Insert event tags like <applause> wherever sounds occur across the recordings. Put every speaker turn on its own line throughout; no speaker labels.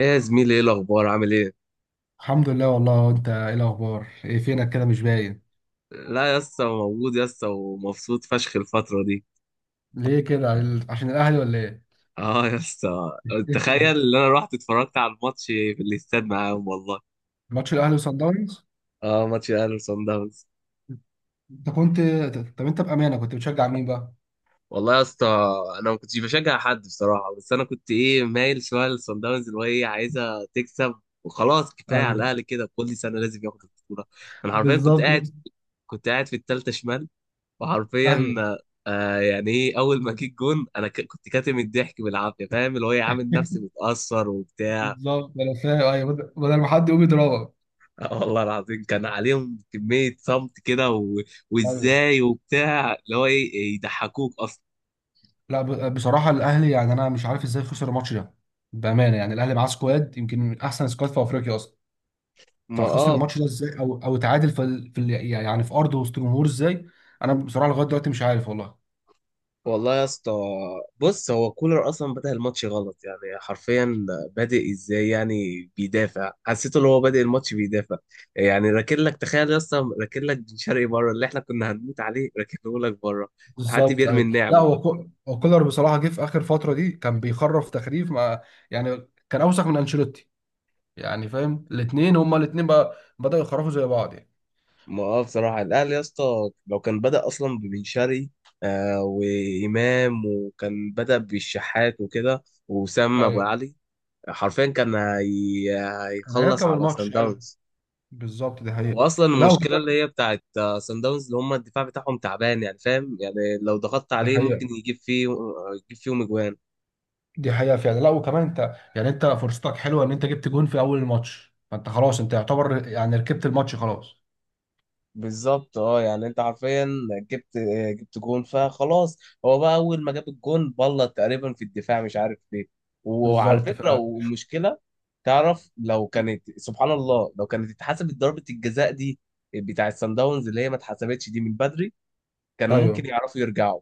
ايه يا زميلي، ايه الاخبار؟ عامل ايه؟
الحمد لله والله، انت ايه الاخبار؟ ايه فينك كده مش باين؟
لا يا اسطى، موجود يا اسطى، ومبسوط فشخ الفتره دي.
ليه كده عشان الاهلي ولا ايه؟
اه يا اسطى، تخيل
<laughs>
ان انا رحت اتفرجت على الماتش في الاستاد معاهم والله.
ماتش الاهلي وصن داونز.
اه ماتش الاهلي وصن داونز.
انت كنت طب انت بامانه كنت بتشجع مين بقى؟
والله يا اسطى، انا ما كنتش بشجع حد بصراحه، بس انا كنت مايل شويه لصن داونز، اللي هو عايزه تكسب. وخلاص كفايه على
ايوه.
الاهلي كده، كل سنه لازم ياخد البطوله. انا حرفيا كنت
بالظبط.
قاعد، كنت قاعد في الثالثه شمال، وحرفيا
ايوه،
يعني اول ما جيت جون، انا كنت كاتم الضحك بالعافيه، فاهم اللي هو عامل نفسي متاثر وبتاع.
بالظبط انا فاهم. ايوه، بدل ما حد يقوم يضربك.
والله العظيم كان عليهم كميه صمت كده،
ايوه.
وازاي وبتاع، اللي هو يضحكوك اصلا.
لا، بصراحه الاهلي، يعني انا مش عارف ازاي خسر الماتش ده. بامانه، يعني الاهلي معاه سكواد يمكن من احسن سكواد في افريقيا اصلا.
ما
فخسر
اه،
الماتش ده ازاي، او اتعادل يعني في ارضه وسط جمهور ازاي؟ انا بصراحه لغايه دلوقتي مش عارف والله.
والله يا اسطى، بص هو كولر اصلا بدأ الماتش غلط، يعني حرفيا بادئ ازاي، يعني بيدافع. حسيت ان هو بادئ الماتش بيدافع، يعني راكن لك، تخيل يا اسطى، راكن لك بن شرقي بره، اللي احنا كنا هنموت عليه راكنه لك بره. حد
بالظبط.
بيرمي
ايوه، لا
النعمه؟
هو كولر بصراحه جه في اخر فتره دي كان بيخرف تخريف مع. يعني كان اوسخ من انشيلوتي. يعني فاهم الاثنين هما الاثنين بقى بداوا يخرفوا زي بعض يعني.
ما اه، بصراحه الاهلي يا اسطى لو كان بدأ اصلا ببن شرقي، وامام، وكان بدأ بالشحات وكده، وسام ابو
ايوه،
علي، حرفيا كان
كان
هيخلص
هيركب
على سان
الماتش. ايوه،
داونز.
بالظبط دي حقيقه.
واصلا
لا
المشكله
وكمان.
اللي هي بتاعت سان داونز، اللي هم الدفاع بتاعهم تعبان، يعني فاهم، يعني لو ضغطت
دي
عليه ممكن
حقيقه.
يجيب فيهم اجوان.
دي حقيقه فعلا، لا وكمان انت، يعني انت فرصتك حلوه ان انت جبت جون في اول الماتش، فانت خلاص، انت يعتبر يعني ركبت الماتش خلاص.
بالظبط، اه يعني انت حرفيا جبت جبت جون فخلاص. هو بقى اول ما جاب الجون بلط تقريبا في الدفاع، مش عارف ليه. وعلى
بالظبط
فكره،
فعلا.
والمشكله تعرف، لو كانت، سبحان الله، لو كانت اتحسبت ضربه الجزاء دي بتاع السان داونز، اللي هي ما اتحسبتش دي من بدري، كانوا ممكن
ايوه.
يعرفوا يرجعوا.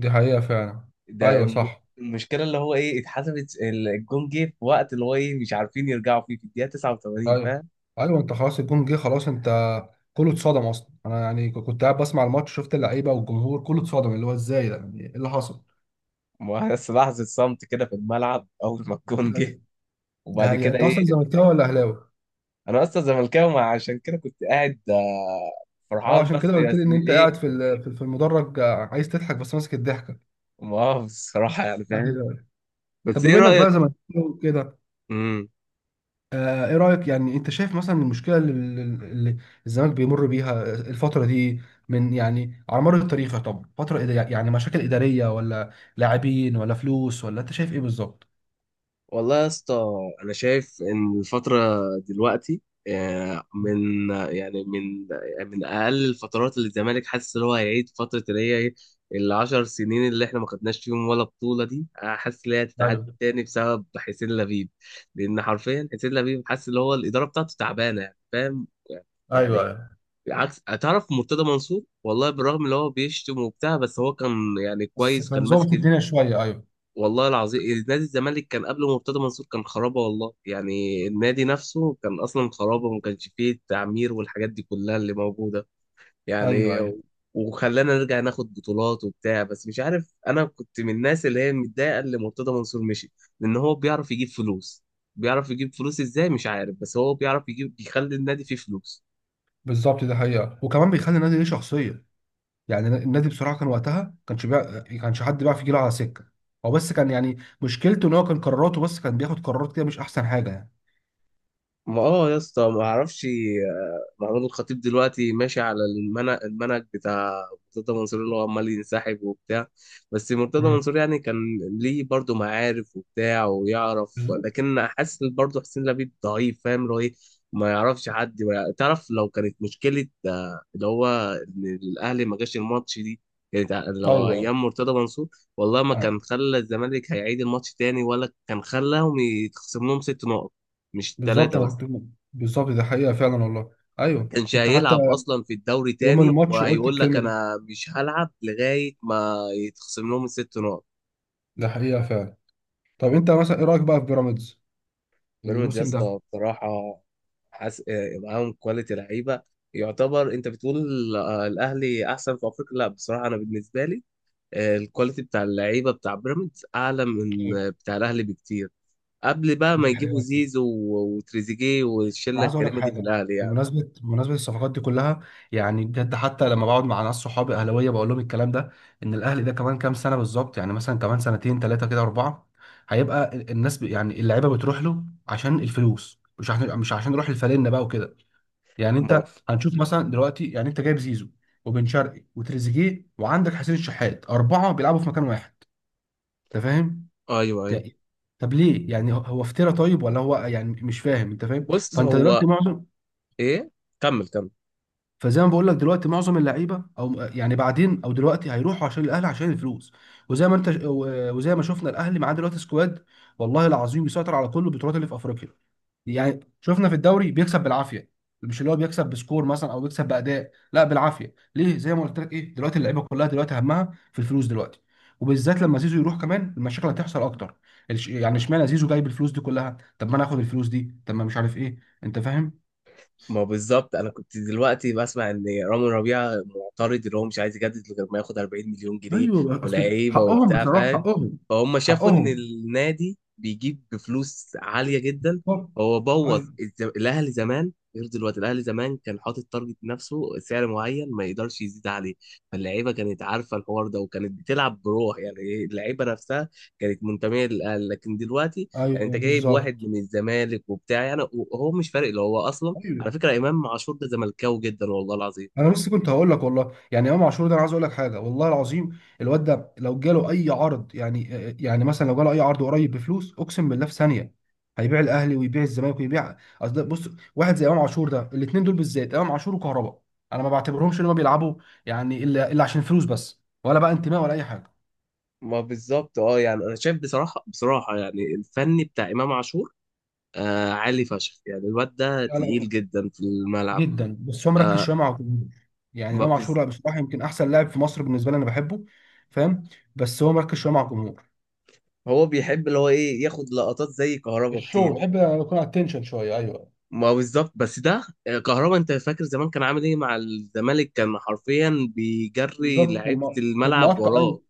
دي حقيقه فعلا.
ده
ايوه
الم-
صح.
المشكله اللي هو اتحسبت، الجون جه في وقت اللي هو مش عارفين يرجعوا فيه، في الدقيقه 89،
ايوه،
فاهم.
ايوه، انت خلاص الجون جه، خلاص انت. كله اتصدم اصلا انا، يعني كنت قاعد بسمع الماتش، شفت اللعيبه والجمهور كله اتصدم، اللي هو ازاي ده، يعني ايه اللي حصل.
ما بس لحظه صمت كده في الملعب اول ما الجون جه،
ايوه. ده
وبعد
هي
كده
انت
ايه.
اصلا زملكاوي ولا اهلاوي؟
انا اصلا زملكاوي، عشان كده كنت قاعد
اه،
فرحان،
عشان
بس
كده
يا
قلت لي ان
اسمي
انت
ايه،
قاعد في ال- في في المدرج، عايز تضحك بس ماسك الضحكه.
مؤاخذ الصراحه يعني فاهم.
أهلاوي. طب
بس ايه
بما انك بقى
رايك؟
زملكاوي كده، ايه رأيك يعني، انت شايف مثلا المشكلة اللي الزمالك بيمر بيها الفترة دي، من يعني على مر التاريخ؟ طب فترة يعني مشاكل إدارية ولا لاعبين ولا فلوس، ولا انت شايف ايه بالظبط؟
والله يا اسطى، انا شايف ان الفتره دلوقتي، من يعني من من اقل الفترات اللي الزمالك حاسس ان هو هيعيد فتره، اللي هي العشر سنين اللي احنا ما خدناش فيهم ولا بطوله دي. حاسس ان هي هتتعاد
ايوه،
تاني بسبب حسين لبيب. لان حرفيا حسين لبيب، حاسس ان هو الاداره بتاعته تعبانه يعني فاهم،
ايوه،
يعني
ايوه.
عكس، تعرف مرتضى منصور والله، بالرغم ان هو بيشتم وبتاع، بس هو كان يعني
بس
كويس، كان
كان ظابط
ماسك.
الدنيا شوية. ايوه،
والله العظيم نادي الزمالك كان قبل مرتضى منصور كان خرابه والله، يعني النادي نفسه كان اصلا خرابه، ما كانش فيه التعمير والحاجات دي كلها اللي موجوده.
ايوه،
يعني
ايوه،
وخلانا نرجع ناخد بطولات وبتاع. بس مش عارف، انا كنت من الناس اللي هي متضايقه اللي مرتضى منصور مشي، لان هو بيعرف يجيب فلوس. بيعرف يجيب فلوس ازاي مش عارف، بس هو بيعرف يخلي النادي فيه فلوس.
بالظبط، ده حقيقة. وكمان بيخلي النادي ليه شخصية. يعني النادي بصراحة كان وقتها كانش حد بيعرف يجيله على سكة. هو بس كان، يعني مشكلته ان هو كان قراراته، بس كان بياخد قرارات كده مش احسن حاجة يعني.
ما اه يا اسطى، ما اعرفش، محمود الخطيب دلوقتي ماشي على المنهج، المنهج بتاع مرتضى منصور، اللي هو عمال ينسحب وبتاع. بس مرتضى
مم.
منصور يعني كان ليه برضه معارف وبتاع ويعرف،
بالظبط.
لكن حاسس برضه حسين لبيب ضعيف، فاهم اللي هو ايه. ما يعرفش حد، ما يع- تعرف لو كانت مشكلة، اللي هو إن الأهلي ما جاش الماتش دي، كانت لو
ايوه،
أيام مرتضى منصور، والله ما كان خلى الزمالك هيعيد الماتش تاني، ولا كان خلاهم يتخصم لهم ست نقط، مش
بالظبط
ثلاثة
انا
بس.
كنت. بالظبط ده حقيقه فعلا والله. ايوه،
كانش
كنت حتى
هيلعب اصلا في الدوري
يوم
تاني،
الماتش قلت
وهيقول لك
الكلمه دي.
انا مش هلعب لغايه ما يتخصم لهم الست نقط.
ده حقيقه فعلا. طب انت مثلا ايه رايك بقى في بيراميدز
بيراميدز يا
الموسم ده؟
اسطى بصراحه، حاس... آه، معاهم كواليتي لعيبه. يعتبر انت بتقول، الاهلي احسن في افريقيا. لا بصراحه انا بالنسبه لي، الكواليتي بتاع اللعيبه بتاع بيراميدز اعلى من
ايه.
بتاع الاهلي بكتير، قبل بقى ما
دي
يجيبوا
حقيقه.
زيزو وتريزيجيه
انا
والشله
عايز اقول لك
الكريمه دي في
حاجه.
الاهلي يعني.
بمناسبه الصفقات دي كلها، يعني بجد، حتى لما بقعد مع ناس صحابي اهلاويه بقول لهم الكلام ده، ان الاهلي ده كمان كام سنه بالظبط، يعني مثلا كمان سنتين ثلاثه كده اربعه، هيبقى الناس يعني اللعيبه بتروح له عشان الفلوس، مش عشان يروح الفالنه بقى وكده. يعني انت
ما...
هنشوف مثلا دلوقتي، يعني انت جايب زيزو وبن شرقي وتريزيجيه وعندك حسين الشحات، اربعه بيلعبوا في مكان واحد. انت فاهم؟
ايوه ايوه،
ت- طب ليه يعني، هو افترى طيب ولا هو يعني مش فاهم، انت فاهم؟
بص
فانت
هو
دلوقتي معظم.
ايه، كمل.
فزي ما بقول لك، دلوقتي معظم اللعيبه، او يعني بعدين، او دلوقتي هيروحوا عشان الاهلي عشان الفلوس. وزي ما انت وزي ما شفنا الاهلي معاه دلوقتي سكواد، والله العظيم بيسيطر على كل البطولات اللي في افريقيا. يعني شفنا في الدوري بيكسب بالعافيه، مش اللي هو بيكسب بسكور مثلا، او بيكسب باداء، لا بالعافيه. ليه؟ زي ما قلت لك، ايه دلوقتي اللعيبه كلها دلوقتي همها في الفلوس دلوقتي. وبالذات لما زيزو يروح كمان، المشاكل هتحصل اكتر. يعني اشمعنى زيزو جايب الفلوس دي كلها؟ طب ما انا اخد الفلوس دي، طب ما مش عارف ايه، انت فاهم؟
ما بالظبط، انا كنت دلوقتي بسمع ان رامي ربيعه معترض ان هو مش عايز يجدد غير ما ياخد 40 مليون جنيه،
ايوه بقى، اصل
ولعيبه
حقهم
وبتاع
بصراحه،
فاهم.
حقهم.
فهم شافوا ان
حقهم.
النادي بيجيب بفلوس عاليه جدا.
بالظبط.
هو بوظ
ايوه،
الاهلي زمان غير دلوقتي. الاهلي زمان كان حاطط تارجت نفسه، سعر معين ما يقدرش يزيد عليه. فاللعيبه كانت عارفه الحوار ده، وكانت بتلعب بروح يعني اللعيبه نفسها كانت منتميه للاهلي. لكن دلوقتي يعني انت
ايوه.
جايب واحد
بالظبط.
من الزمالك وبتاع، يعني وهو مش فارق اللي هو اصلا.
ايوه،
على فكرة إمام عاشور ده زملكاوي جدا والله العظيم.
انا بس كنت هقول لك، والله يعني امام عاشور ده، انا عايز اقول لك حاجه والله العظيم، الواد ده لو جاله اي عرض يعني، يعني مثلا لو جاله اي عرض قريب بفلوس، اقسم بالله في ثانيه هيبيع الاهلي ويبيع الزمالك ويبيع، اصل ده بص، واحد زي امام عاشور ده، الاثنين دول بالذات، امام عاشور وكهربا، انا ما بعتبرهمش ان هم بيلعبوا يعني الا عشان فلوس بس، ولا بقى انتماء ولا اي حاجه.
ما بالظبط، اه يعني أنا شايف بصراحة، بصراحة يعني الفني بتاع إمام عاشور، عالي فشخ، يعني الواد ده
لا، لا.
تقيل جدا في الملعب.
جدا، بس هو مركز
آه
شويه مع اوتومير. يعني
ما
امام عاشور،
بز-
لا، بصراحه يمكن احسن لاعب في مصر، بالنسبه لي انا بحبه. فاهم؟ بس هو مركز شويه مع الجمهور.
هو بيحب اللي هو ياخد لقطات زي كهربا
الشو
كتير.
بحب يكون على التنشن شويه، ايوه.
ما بالظبط، بس ده كهربا انت فاكر زمان كان عامل ايه مع الزمالك؟ كان حرفيا بيجري
بالظبط كان
لعيبة
كان
الملعب
مقطع، ايوه.
وراه،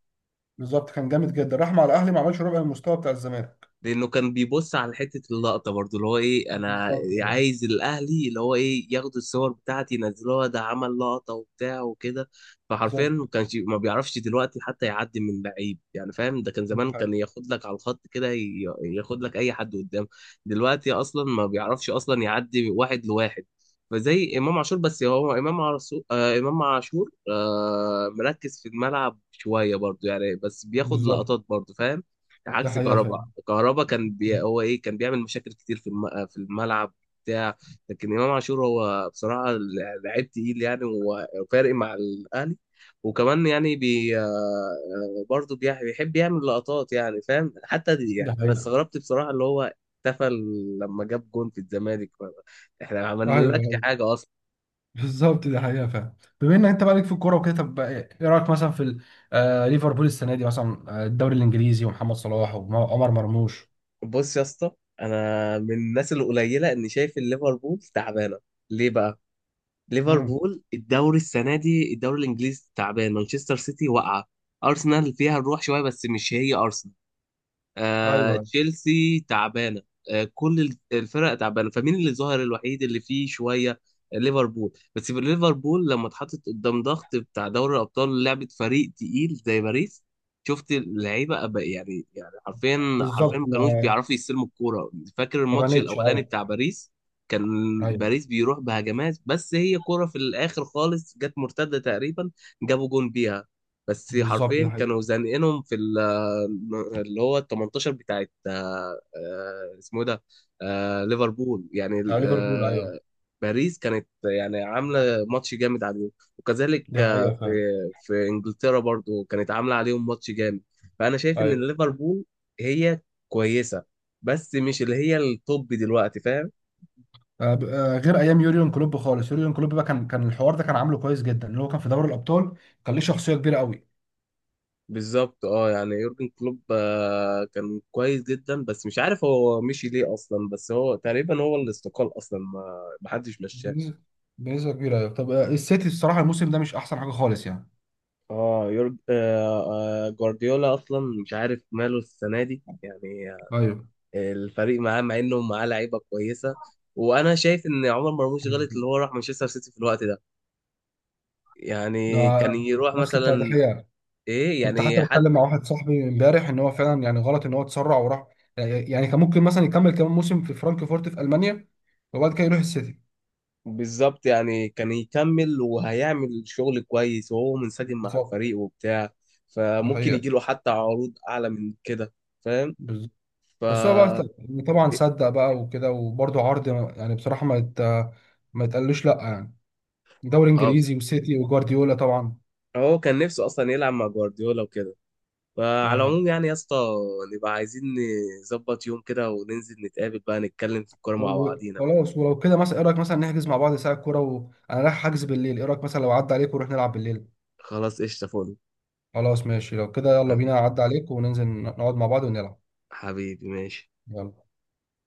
بالظبط كان جامد جدا، راح مع الاهلي ما عملش ربع المستوى بتاع الزمالك.
لانه كان بيبص على حته اللقطه برضو، اللي هو انا
بالظبط كده.
عايز الاهلي، اللي هو ياخدوا الصور بتاعتي ينزلوها، ده عمل لقطه وبتاع وكده. فحرفيا ما
بالظبط
كانش، ما بيعرفش دلوقتي حتى يعدي من لعيب، يعني فاهم؟ ده كان
ده
زمان كان
حقيقة.
ياخد لك على الخط كده، ياخد لك اي حد قدام. دلوقتي اصلا ما بيعرفش اصلا يعدي واحد لواحد. فزي امام عاشور، بس هو امام عاشور، مركز في الملعب شويه برضو يعني، بس بياخد
بالظبط
لقطات برضو فاهم،
ده
عكس
حقيقه
كهربا.
فعلا.
كهربا كان هو كان بيعمل مشاكل كتير في الملعب بتاع. لكن امام عاشور هو بصراحه لعيب تقيل يعني، وفارق مع الاهلي. وكمان يعني بي آه، آه، برضه بيحب يعمل لقطات، يعني فاهم. حتى دي
ده
يعني انا
حقيقه.
استغربت بصراحه، اللي هو احتفل لما جاب جون في الزمالك. احنا ما
ايوه،
عملناكش
أيوة.
حاجه اصلا.
بالظبط دي حقيقة فعلا. بما ان انت بقالك في الكورة وكده، طب ايه رأيك مثلا ليفربول السنة دي مثلا، الدوري الانجليزي ومحمد صلاح وعمر مرموش.
بص يا اسطى، انا من الناس القليله اني شايف ان ليفربول تعبانه. ليه بقى؟
مم.
ليفربول، الدوري السنه دي الدوري الانجليزي تعبان، مانشستر سيتي واقعه، ارسنال فيها الروح شويه بس مش هي ارسنال،
ايوه.
تشيلسي تعبانه، كل الفرق تعبانه. فمين اللي ظهر الوحيد اللي فيه شويه؟ ليفربول. بس في ليفربول لما اتحطت قدام ضغط بتاع دوري الابطال، لعبه فريق تقيل زي باريس، شفت اللعيبه أبقى يعني، يعني حرفيا، حرفيا
بالظبط
ما كانوش
ما.
بيعرفوا يستلموا الكوره. فاكر
ما
الماتش
بانتش،
الاولاني بتاع
ايوه.
باريس؟ كان
ايوه.
باريس بيروح بهجمات، بس هي كوره في الاخر خالص، جت مرتده تقريبا جابوا جون بيها. بس
بالظبط دي
حرفيا
حقيقة.
كانوا زانقينهم في اللي هو ال 18 بتاعت اسمه إيه ده، ليفربول يعني
بتاع ليفربول، ايوه.
باريس كانت يعني عامله ماتش جامد عليهم. وكذلك
دي حقيقة
في،
فعلا.
في انجلترا برضو كانت عامله عليهم ماتش جامد. فانا شايف
ايوه.
ان ليفربول هي كويسه، بس مش اللي هي التوب دلوقتي فاهم.
غير ايام يوريون كلوب خالص، يوريون كلوب بقى كان الحوار ده كان عامله كويس جدا، اللي هو كان في دوري الابطال. كان ليه شخصية كبيرة قوي.
بالظبط، اه يعني يورجن كلوب كان كويس جدا، بس مش عارف هو مشي ليه اصلا. بس هو تقريبا هو اللي استقال اصلا، ما حدش مشاه.
بنسبة بنسبة كبيرة ايوه. طب السيتي الصراحة الموسم ده مش احسن حاجة خالص يعني.
اه يورج آه آه جوارديولا اصلا مش عارف ماله السنه دي يعني، الفريق معاه، مع انه معاه لعيبه كويسه. وانا شايف ان عمر مرموش غلط
ايوه.
اللي هو راح مانشستر سيتي في الوقت ده.
ده
يعني كان يروح
نفس بتاع
مثلا
دحيح.
ايه
كنت حتى
يعني
بتكلم
حتى.
مع واحد صاحبي امبارح ان هو فعلا يعني غلط ان هو اتسرع وراح. يعني كان ممكن مثلا يكمل كمان موسم في فرانكفورت في المانيا، وبعد كده يروح السيتي.
بالظبط يعني كان يكمل، وهيعمل شغل كويس وهو منسجم مع
بالظبط.
الفريق وبتاع.
ده
فممكن
حقيقة.
يجيله حتى عروض اعلى من كده، فاهم.
بالظبط.
ف
بس هو بقى
اه
طبعا صدق بقى وكده، وبرده عرض يعني بصراحة ما يتقالوش لا يعني. دوري انجليزي وسيتي وجوارديولا طبعا.
هو كان نفسه اصلا يلعب مع جوارديولا وكده. فعلى
تمام.
العموم يعني يا اسطى، نبقى عايزين نظبط يوم كده وننزل نتقابل بقى، نتكلم في الكورة مع بعضينا بقى.
وخلاص، ولو كده مثلا ايه رايك مثلا نحجز مع بعض ساعة كورة، وانا رايح حجز بالليل. ايه رايك مثلا لو عدى عليك ونروح نلعب بالليل؟
خلاص، قشطة، فل.
خلاص ماشي، لو كده يلا بينا،
حبيبي،
اعدي عليك وننزل نقعد مع بعض ونلعب.
حبيبي، ماشي.
يلا